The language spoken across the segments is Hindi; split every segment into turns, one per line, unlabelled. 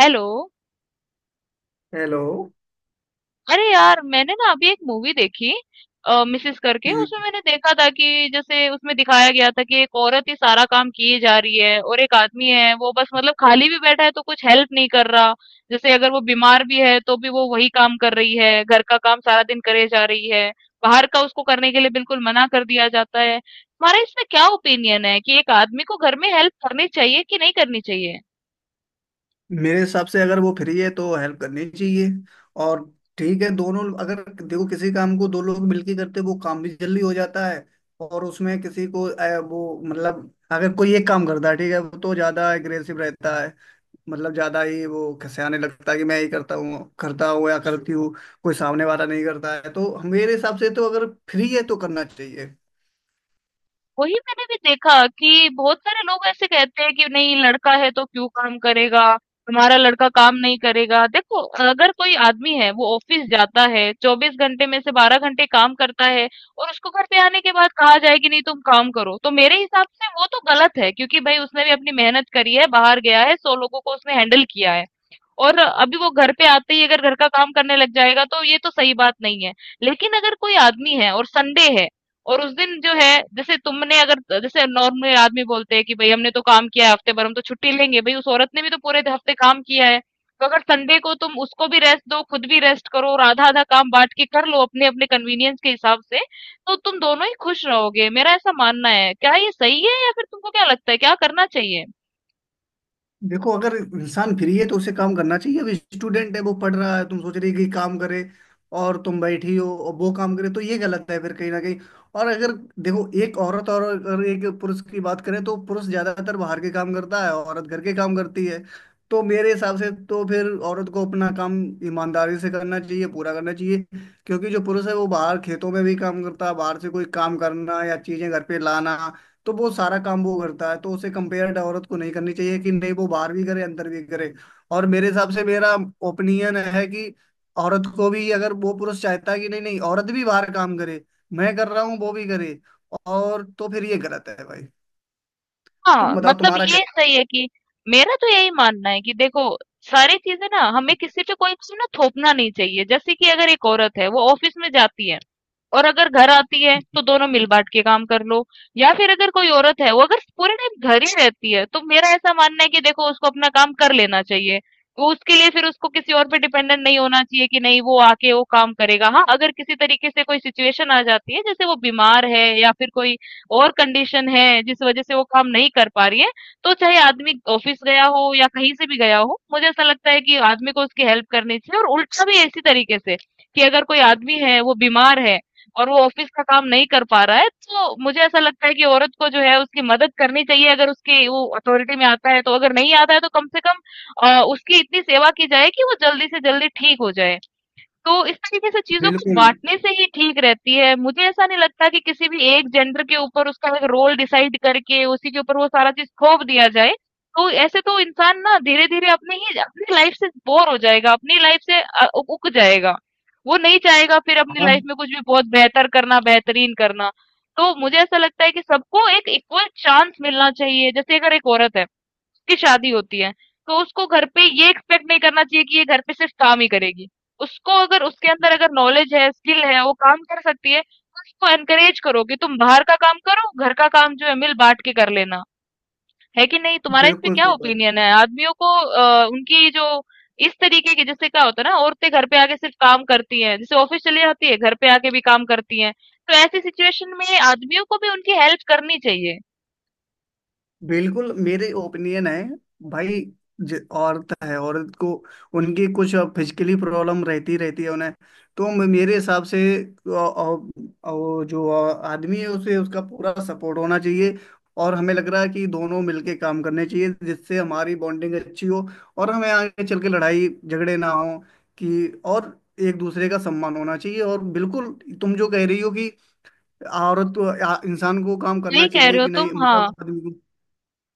हेलो।
हेलो।
अरे यार मैंने ना अभी एक मूवी देखी मिसेस करके, उसमें
हम्म,
मैंने देखा था कि जैसे उसमें दिखाया गया था कि एक औरत ही सारा काम किए जा रही है और एक आदमी है वो बस मतलब खाली भी बैठा है तो कुछ हेल्प नहीं कर रहा। जैसे अगर वो बीमार भी है तो भी वो वही काम कर रही है, घर का काम सारा दिन करे जा रही है। बाहर का उसको करने के लिए बिल्कुल मना कर दिया जाता है। तुम्हारा इसमें क्या ओपिनियन है कि एक आदमी को घर में हेल्प करनी चाहिए कि नहीं करनी चाहिए?
मेरे हिसाब से अगर वो फ्री है तो हेल्प करनी चाहिए। और ठीक है, दोनों अगर देखो किसी काम को दो लोग मिलके करते वो काम भी जल्दी हो जाता है। और उसमें किसी को वो मतलब अगर कोई एक काम करता है ठीक है वो तो ज्यादा एग्रेसिव रहता है। मतलब ज्यादा ही वो खसियाने लगता है कि मैं ही करता हूँ या करती हूँ, कोई सामने वाला नहीं करता है। तो मेरे हिसाब से तो अगर फ्री है तो करना चाहिए।
वही मैंने भी देखा कि बहुत सारे लोग ऐसे कहते हैं कि नहीं, लड़का है तो क्यों काम करेगा, हमारा लड़का काम नहीं करेगा। देखो, अगर कोई आदमी है वो ऑफिस जाता है, 24 घंटे में से 12 घंटे काम करता है, और उसको घर पे आने के बाद कहा जाए कि नहीं तुम काम करो, तो मेरे हिसाब से वो तो गलत है, क्योंकि भाई उसने भी अपनी मेहनत करी है, बाहर गया है, 100 लोगों को उसने हैंडल किया है। और अभी वो घर पे आते ही अगर घर का काम करने लग जाएगा तो ये तो सही बात नहीं है। लेकिन अगर कोई आदमी है और संडे है और उस दिन जो है, जैसे तुमने अगर जैसे नॉर्मल आदमी बोलते हैं कि भाई हमने तो काम किया है हफ्ते भर, हम तो छुट्टी लेंगे, भाई उस औरत ने भी तो पूरे हफ्ते काम किया है। तो अगर संडे को तुम उसको भी रेस्ट दो, खुद भी रेस्ट करो और आधा आधा काम बांट के कर लो, अपने अपने कन्वीनियंस के हिसाब से। तो तुम दोनों ही खुश रहोगे, मेरा ऐसा मानना है। क्या ये सही है या फिर तुमको क्या लगता है क्या करना चाहिए?
देखो अगर इंसान फ्री है तो उसे काम करना चाहिए। अब स्टूडेंट है वो पढ़ रहा है, तुम सोच रहे कि काम करे और तुम बैठी हो और वो काम करे तो ये गलत है फिर कहीं ना कहीं। और अगर देखो एक औरत और अगर एक पुरुष की बात करें तो पुरुष ज्यादातर बाहर के काम करता है, औरत घर के काम करती है। तो मेरे हिसाब से तो फिर औरत को अपना काम ईमानदारी से करना चाहिए, पूरा करना चाहिए। क्योंकि जो पुरुष है वो बाहर खेतों में भी काम करता है, बाहर से कोई काम करना या चीजें घर पे लाना, तो वो सारा काम वो करता है। तो उसे कंपेयर औरत को नहीं करनी चाहिए कि नहीं वो बाहर भी करे अंदर भी करे। और मेरे हिसाब से मेरा ओपिनियन है कि औरत को भी अगर वो पुरुष चाहता है कि नहीं नहीं औरत भी बाहर काम करे, मैं कर रहा हूँ वो भी करे, और तो फिर ये गलत है भाई। तुम
हाँ,
बताओ
मतलब
तुम्हारा क्या?
ये सही है कि मेरा तो यही मानना है कि देखो, सारी चीजें ना, हमें किसी पे कोई चीज ना थोपना नहीं चाहिए। जैसे कि अगर एक औरत है, वो ऑफिस में जाती है और अगर घर आती है, तो दोनों मिल बांट के काम कर लो। या फिर अगर कोई औरत है, वो अगर पूरे टाइम घर ही रहती है, तो मेरा ऐसा मानना है कि देखो उसको अपना काम कर लेना चाहिए। वो उसके लिए फिर उसको किसी और पे डिपेंडेंट नहीं होना चाहिए कि नहीं वो आके वो काम करेगा। हाँ, अगर किसी तरीके से कोई सिचुएशन आ जाती है जैसे वो बीमार है या फिर कोई और कंडीशन है जिस वजह से वो काम नहीं कर पा रही है, तो चाहे आदमी ऑफिस गया हो या कहीं से भी गया हो, मुझे ऐसा लगता है कि आदमी को उसकी हेल्प करनी चाहिए। और उल्टा भी इसी तरीके से, कि अगर कोई आदमी है, वो बीमार है और वो ऑफिस का काम नहीं कर पा रहा है, तो मुझे ऐसा लगता है कि औरत को जो है उसकी मदद करनी चाहिए, अगर उसकी वो अथॉरिटी में आता है तो, अगर नहीं आता है तो कम से कम उसकी इतनी सेवा की जाए कि वो जल्दी से जल्दी ठीक हो जाए। तो इस तरीके से चीज़ों को
बिल्कुल।
बाँटने से ही ठीक रहती है। मुझे ऐसा नहीं लगता कि किसी भी एक जेंडर के ऊपर उसका एक रोल डिसाइड करके उसी के ऊपर वो सारा चीज़ थोप दिया जाए। तो ऐसे तो इंसान ना धीरे-धीरे अपनी ही अपनी लाइफ़ से बोर हो जाएगा, अपनी लाइफ़ से अ, उ ऊब जाएगा। वो नहीं चाहेगा फिर अपनी लाइफ़
हाँ।
में कुछ भी बहुत बेहतर करना, बेहतरीन करना। तो मुझे ऐसा लगता है कि सबको एक इक्वल चांस मिलना चाहिए। जैसे अगर एक औरत है की शादी होती है, तो उसको घर पे ये एक्सपेक्ट नहीं करना चाहिए कि ये घर पे सिर्फ काम ही करेगी। उसको अगर उसके अंदर अगर नॉलेज है, स्किल है, वो काम कर सकती है, तो उसको एनकरेज करो कि तुम बाहर का काम करो, घर का काम जो है मिल बाँट के कर लेना। है कि नहीं? तुम्हारा इस पे
बिल्कुल
क्या
सही बात।
ओपिनियन है? आदमियों को उनकी जो इस तरीके की, जैसे क्या होता है ना, औरतें घर पे आके सिर्फ काम करती हैं, जैसे ऑफिस चली जाती है, घर पे आके भी काम करती हैं। तो ऐसी सिचुएशन में आदमियों को भी उनकी हेल्प करनी चाहिए।
बिल्कुल, मेरे ओपिनियन है भाई, औरत है, औरत को उनकी कुछ फिजिकली प्रॉब्लम रहती रहती है उन्हें। तो मेरे हिसाब से वो जो आदमी है उसे उसका पूरा सपोर्ट होना चाहिए। और हमें लग रहा है कि दोनों मिलके काम करने चाहिए जिससे हमारी बॉन्डिंग अच्छी हो और हमें आगे चल के लड़ाई झगड़े ना हो। कि और एक दूसरे का सम्मान होना चाहिए और बिल्कुल तुम जो कह रही हो कि औरत इंसान को काम करना
सही कह
चाहिए
रहे हो
कि नहीं,
तुम, हाँ।
मतलब आदमी को।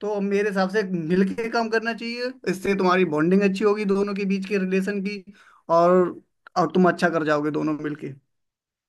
तो मेरे हिसाब से मिलके काम करना चाहिए, इससे तुम्हारी बॉन्डिंग अच्छी होगी दोनों के बीच के रिलेशन की। और और तुम अच्छा कर जाओगे दोनों मिलके।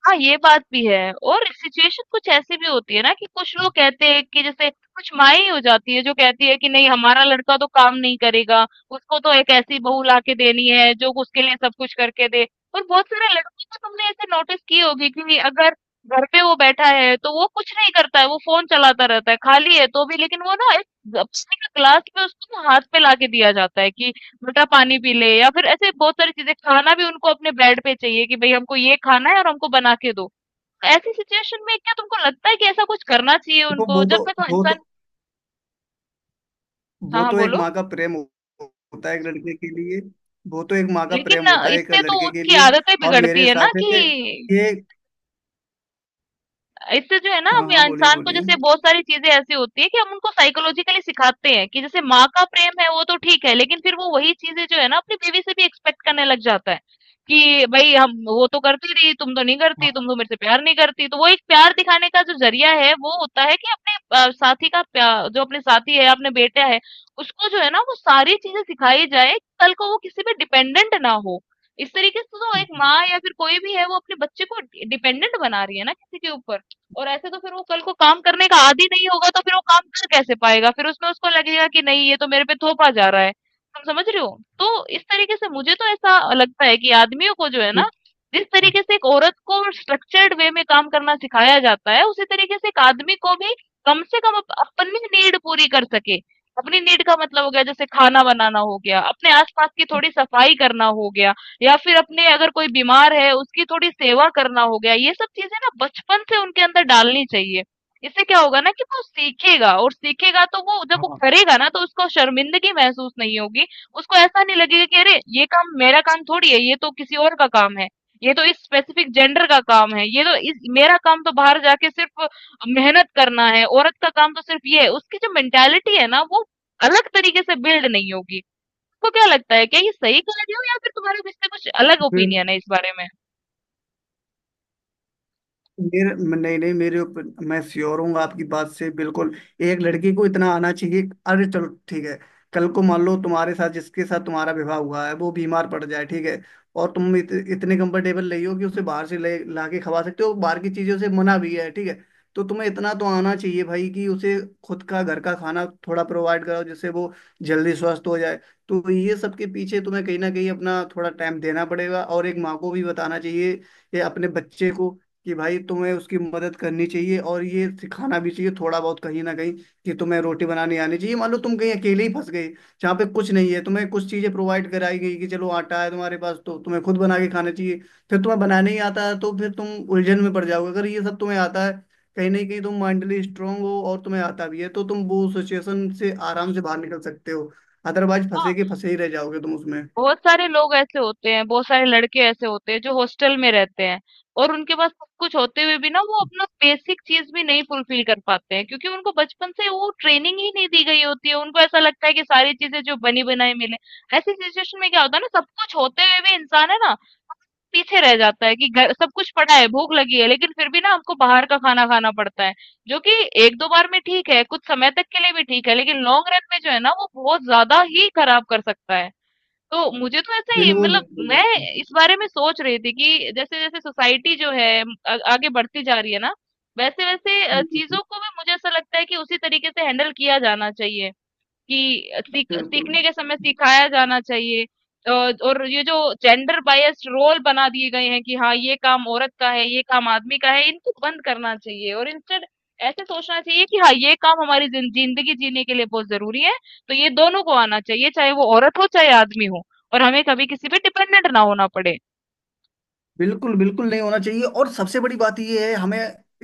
हाँ, ये बात भी है, और सिचुएशन कुछ ऐसी भी होती है ना कि कुछ लोग कहते हैं कि जैसे कुछ माई हो जाती है जो कहती है कि नहीं हमारा लड़का तो काम नहीं करेगा, उसको तो एक ऐसी बहू लाके देनी है जो उसके लिए सब कुछ करके दे। और बहुत सारे लड़कों को तुमने ऐसे नोटिस की होगी कि अगर घर पे वो बैठा है तो वो कुछ नहीं करता है, वो फोन चलाता रहता है, खाली है तो भी, लेकिन वो ना एक पानी का ग्लास भी उसको ना हाथ पे लाके दिया जाता है कि मीठा पानी पी ले, या फिर ऐसे बहुत सारी चीजें। खाना भी उनको अपने बेड पे चाहिए कि भाई हमको ये खाना है और हमको बना के दो। ऐसी सिचुएशन में क्या तुमको लगता है कि ऐसा कुछ करना चाहिए
देखो
उनको जब तक वो
वो
इंसान।
तो
हाँ
वो
हाँ
तो एक
बोलो।
माँ का प्रेम होता है एक लड़के के लिए। वो तो एक माँ का
लेकिन
प्रेम होता है एक
इससे तो
लड़के के
उनकी
लिए।
आदतें
और मेरे
बिगड़ती है
हिसाब
ना,
से
कि
ये,
इससे जो है ना,
हाँ
हम
हाँ, बोलिए
इंसान को
बोलिए।
जैसे बहुत सारी चीजें ऐसी होती है कि हम उनको साइकोलॉजिकली सिखाते हैं कि जैसे माँ का प्रेम है वो तो ठीक है, लेकिन फिर वो वही चीजें जो है ना अपनी बीवी से भी एक्सपेक्ट करने लग जाता है कि भाई हम वो तो करती रही, तुम तो नहीं करती,
हाँ।
तुम तो मेरे से प्यार नहीं करती। तो वो एक प्यार दिखाने का जो जरिया है वो होता है कि अपने साथी का जो अपने साथी है अपने बेटा है, उसको जो है ना वो सारी चीजें सिखाई जाए कि कल को वो किसी पे डिपेंडेंट ना हो। इस तरीके से तो एक माँ या फिर कोई भी है वो अपने बच्चे को डिपेंडेंट बना रही है ना किसी के ऊपर। और ऐसे तो फिर वो कल को काम करने का आदी नहीं होगा, तो फिर वो काम कर कैसे पाएगा? फिर उसमें उसको लगेगा कि नहीं ये तो मेरे पे थोपा जा रहा है। तुम समझ रहे हो, तो इस तरीके से मुझे तो ऐसा लगता है कि आदमियों को जो है ना,
फिर-
जिस तरीके से एक औरत को स्ट्रक्चर्ड वे में काम करना सिखाया जाता है, उसी तरीके से एक आदमी को भी कम से कम अपनी नीड पूरी कर सके। अपनी नीड का मतलब हो गया जैसे खाना बनाना हो गया, अपने आसपास की थोड़ी सफाई करना हो गया, या फिर अपने अगर कोई बीमार है उसकी थोड़ी सेवा करना हो गया। ये सब चीजें ना बचपन से उनके अंदर डालनी चाहिए। इससे क्या होगा ना, कि वो सीखेगा, और सीखेगा तो वो जब वो
हाँ
करेगा ना, तो उसको शर्मिंदगी महसूस नहीं होगी। उसको ऐसा नहीं लगेगा कि अरे ये काम, मेरा काम थोड़ी है, ये तो किसी और का काम है, ये तो इस स्पेसिफिक जेंडर का काम है, ये तो इस मेरा काम तो बाहर जाके सिर्फ मेहनत करना है, औरत का काम तो सिर्फ ये है। उसकी जो मेंटेलिटी है ना वो अलग तरीके से बिल्ड नहीं होगी। आपको क्या लगता है, क्या ये सही कह रही हूँ या फिर तुम्हारा इससे कुछ अलग
फिर
ओपिनियन है इस बारे में?
मेरे, नहीं नहीं, मेरे ऊपर मैं श्योर हूँ आपकी बात से, बिल्कुल। एक लड़की को इतना आना चाहिए, अरे चलो ठीक है। कल को मान लो तुम्हारे साथ, जिसके साथ तुम्हारा विवाह हुआ है, वो बीमार पड़ जाए, ठीक है। और तुम इतने कंफर्टेबल नहीं हो कि उसे बाहर से ले ला के खवा सकते हो, बाहर की चीजों से मना भी है, ठीक है। तो तुम्हें इतना तो आना चाहिए भाई कि उसे खुद का घर का खाना थोड़ा प्रोवाइड कराओ जिससे वो जल्दी स्वस्थ हो जाए। तो ये सब के पीछे तुम्हें कहीं ना कहीं अपना थोड़ा टाइम देना पड़ेगा। और एक माँ को भी बताना चाहिए ये अपने बच्चे को कि भाई तुम्हें उसकी मदद करनी चाहिए और ये सिखाना भी चाहिए थोड़ा बहुत कहीं ना कहीं, कि तुम्हें रोटी बनानी आनी चाहिए। मान लो तुम कहीं अकेले ही फंस गए जहाँ पे कुछ नहीं है, तुम्हें कुछ चीजें प्रोवाइड कराई गई कि चलो आटा है तुम्हारे पास, तो तुम्हें खुद बना के खाना चाहिए। फिर तुम्हें बनाने ही आता है तो फिर तुम उलझन में पड़ जाओगे। अगर ये सब तुम्हें आता है कहीं ना कहीं तुम माइंडली स्ट्रांग हो और तुम्हें आता भी है तो तुम वो सिचुएशन से आराम से बाहर निकल सकते हो, अदरवाइज फंसे
हाँ,
के फंसे ही रह जाओगे तुम उसमें।
बहुत सारे लोग ऐसे होते हैं, बहुत सारे लड़के ऐसे होते हैं जो हॉस्टल में रहते हैं और उनके पास सब कुछ होते हुए भी ना वो अपना बेसिक चीज भी नहीं फुलफिल कर पाते हैं, क्योंकि उनको बचपन से वो ट्रेनिंग ही नहीं दी गई होती है। उनको ऐसा लगता है कि सारी चीजें जो बनी बनाई मिले। ऐसी सिचुएशन में क्या होता है ना, सब कुछ होते हुए भी इंसान है ना पीछे रह जाता है कि घर सब कुछ पड़ा है, भूख लगी है, लेकिन फिर भी ना हमको बाहर का खाना खाना पड़ता है, जो कि एक दो बार में ठीक है, कुछ समय तक के लिए भी ठीक है, लेकिन लॉन्ग रन में जो है ना वो बहुत ज्यादा ही खराब कर सकता है। तो मुझे तो ऐसा ही,
बिल्कुल,
मतलब
बिल्कुल,
मैं इस बारे में सोच रही थी कि जैसे जैसे सोसाइटी जो है आगे बढ़ती जा रही है ना, वैसे वैसे
बिल्कुल,
चीजों को भी मुझे ऐसा लगता है कि उसी तरीके से हैंडल किया जाना चाहिए, कि सीख
बिल्कुल,
सीखने के समय सिखाया जाना चाहिए। अ, और ये जो जेंडर बायस्ड रोल बना दिए गए हैं कि हाँ ये काम औरत का है, ये काम आदमी का है, इनको बंद करना चाहिए, और इंस्टेड ऐसे सोचना चाहिए कि हाँ ये काम हमारी जिंदगी जीने के लिए बहुत जरूरी है। तो ये दोनों को आना चाहिए, चाहे वो औरत हो चाहे आदमी हो, और हमें कभी किसी पे डिपेंडेंट ना होना पड़े।
बिल्कुल। बिल्कुल नहीं होना चाहिए। और सबसे बड़ी बात यह है, हमें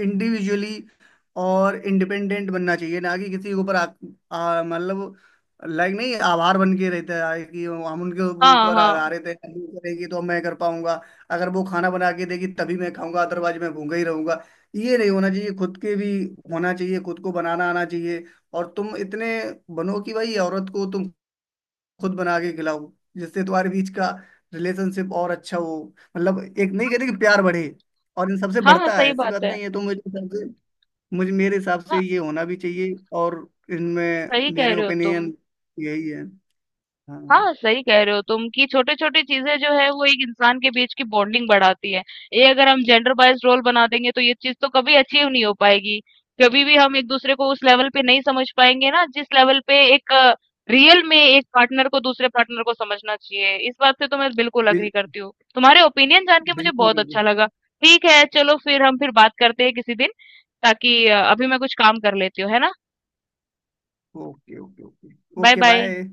इंडिविजुअली और इंडिपेंडेंट बनना चाहिए, ना कि किसी के ऊपर मतलब लाइक नहीं आभार बन के रहता है कि हम उनके
हाँ
ऊपर
हाँ,
आधारित है। वो करेगी तो मैं कर पाऊंगा, अगर वो खाना बना के देगी तभी मैं खाऊंगा अदरवाइज मैं भूखा ही रहूंगा। ये नहीं होना चाहिए, खुद के भी होना चाहिए, खुद को बनाना आना चाहिए। और तुम इतने बनो कि भाई औरत को तुम खुद बना के खिलाऊं जिससे तुम्हारे बीच का रिलेशनशिप और अच्छा हो। मतलब एक नहीं कहते कि प्यार बढ़े और इन सबसे
हाँ हाँ,
बढ़ता है?
सही
ऐसी बात
बात है।
नहीं है। तो मुझे हिसाब से, मुझे मेरे हिसाब से
हाँ,
ये होना भी चाहिए। और इनमें
सही कह
मेरे
रहे हो तुम।
ओपिनियन यही है। हाँ।
हाँ, सही कह रहे हो तुम कि छोटे छोटे चीजें जो है वो एक इंसान के बीच की बॉन्डिंग बढ़ाती है। ये अगर हम जेंडर बाइज रोल बना देंगे तो ये चीज तो कभी अचीव नहीं हो पाएगी। कभी भी हम एक दूसरे को उस लेवल पे नहीं समझ पाएंगे ना जिस लेवल पे एक रियल में एक पार्टनर को दूसरे पार्टनर को समझना चाहिए। इस बात से तो मैं बिल्कुल अग्री
बिल,
करती हूँ। तुम्हारे ओपिनियन जान के मुझे
बिल्कुल
बहुत
बिल्कुल।
अच्छा लगा। ठीक है, चलो फिर हम फिर बात करते हैं किसी दिन, ताकि अभी मैं कुछ काम कर लेती हूँ, है ना।
Okay okay okay.
Bye
okay,
bye.
Bye.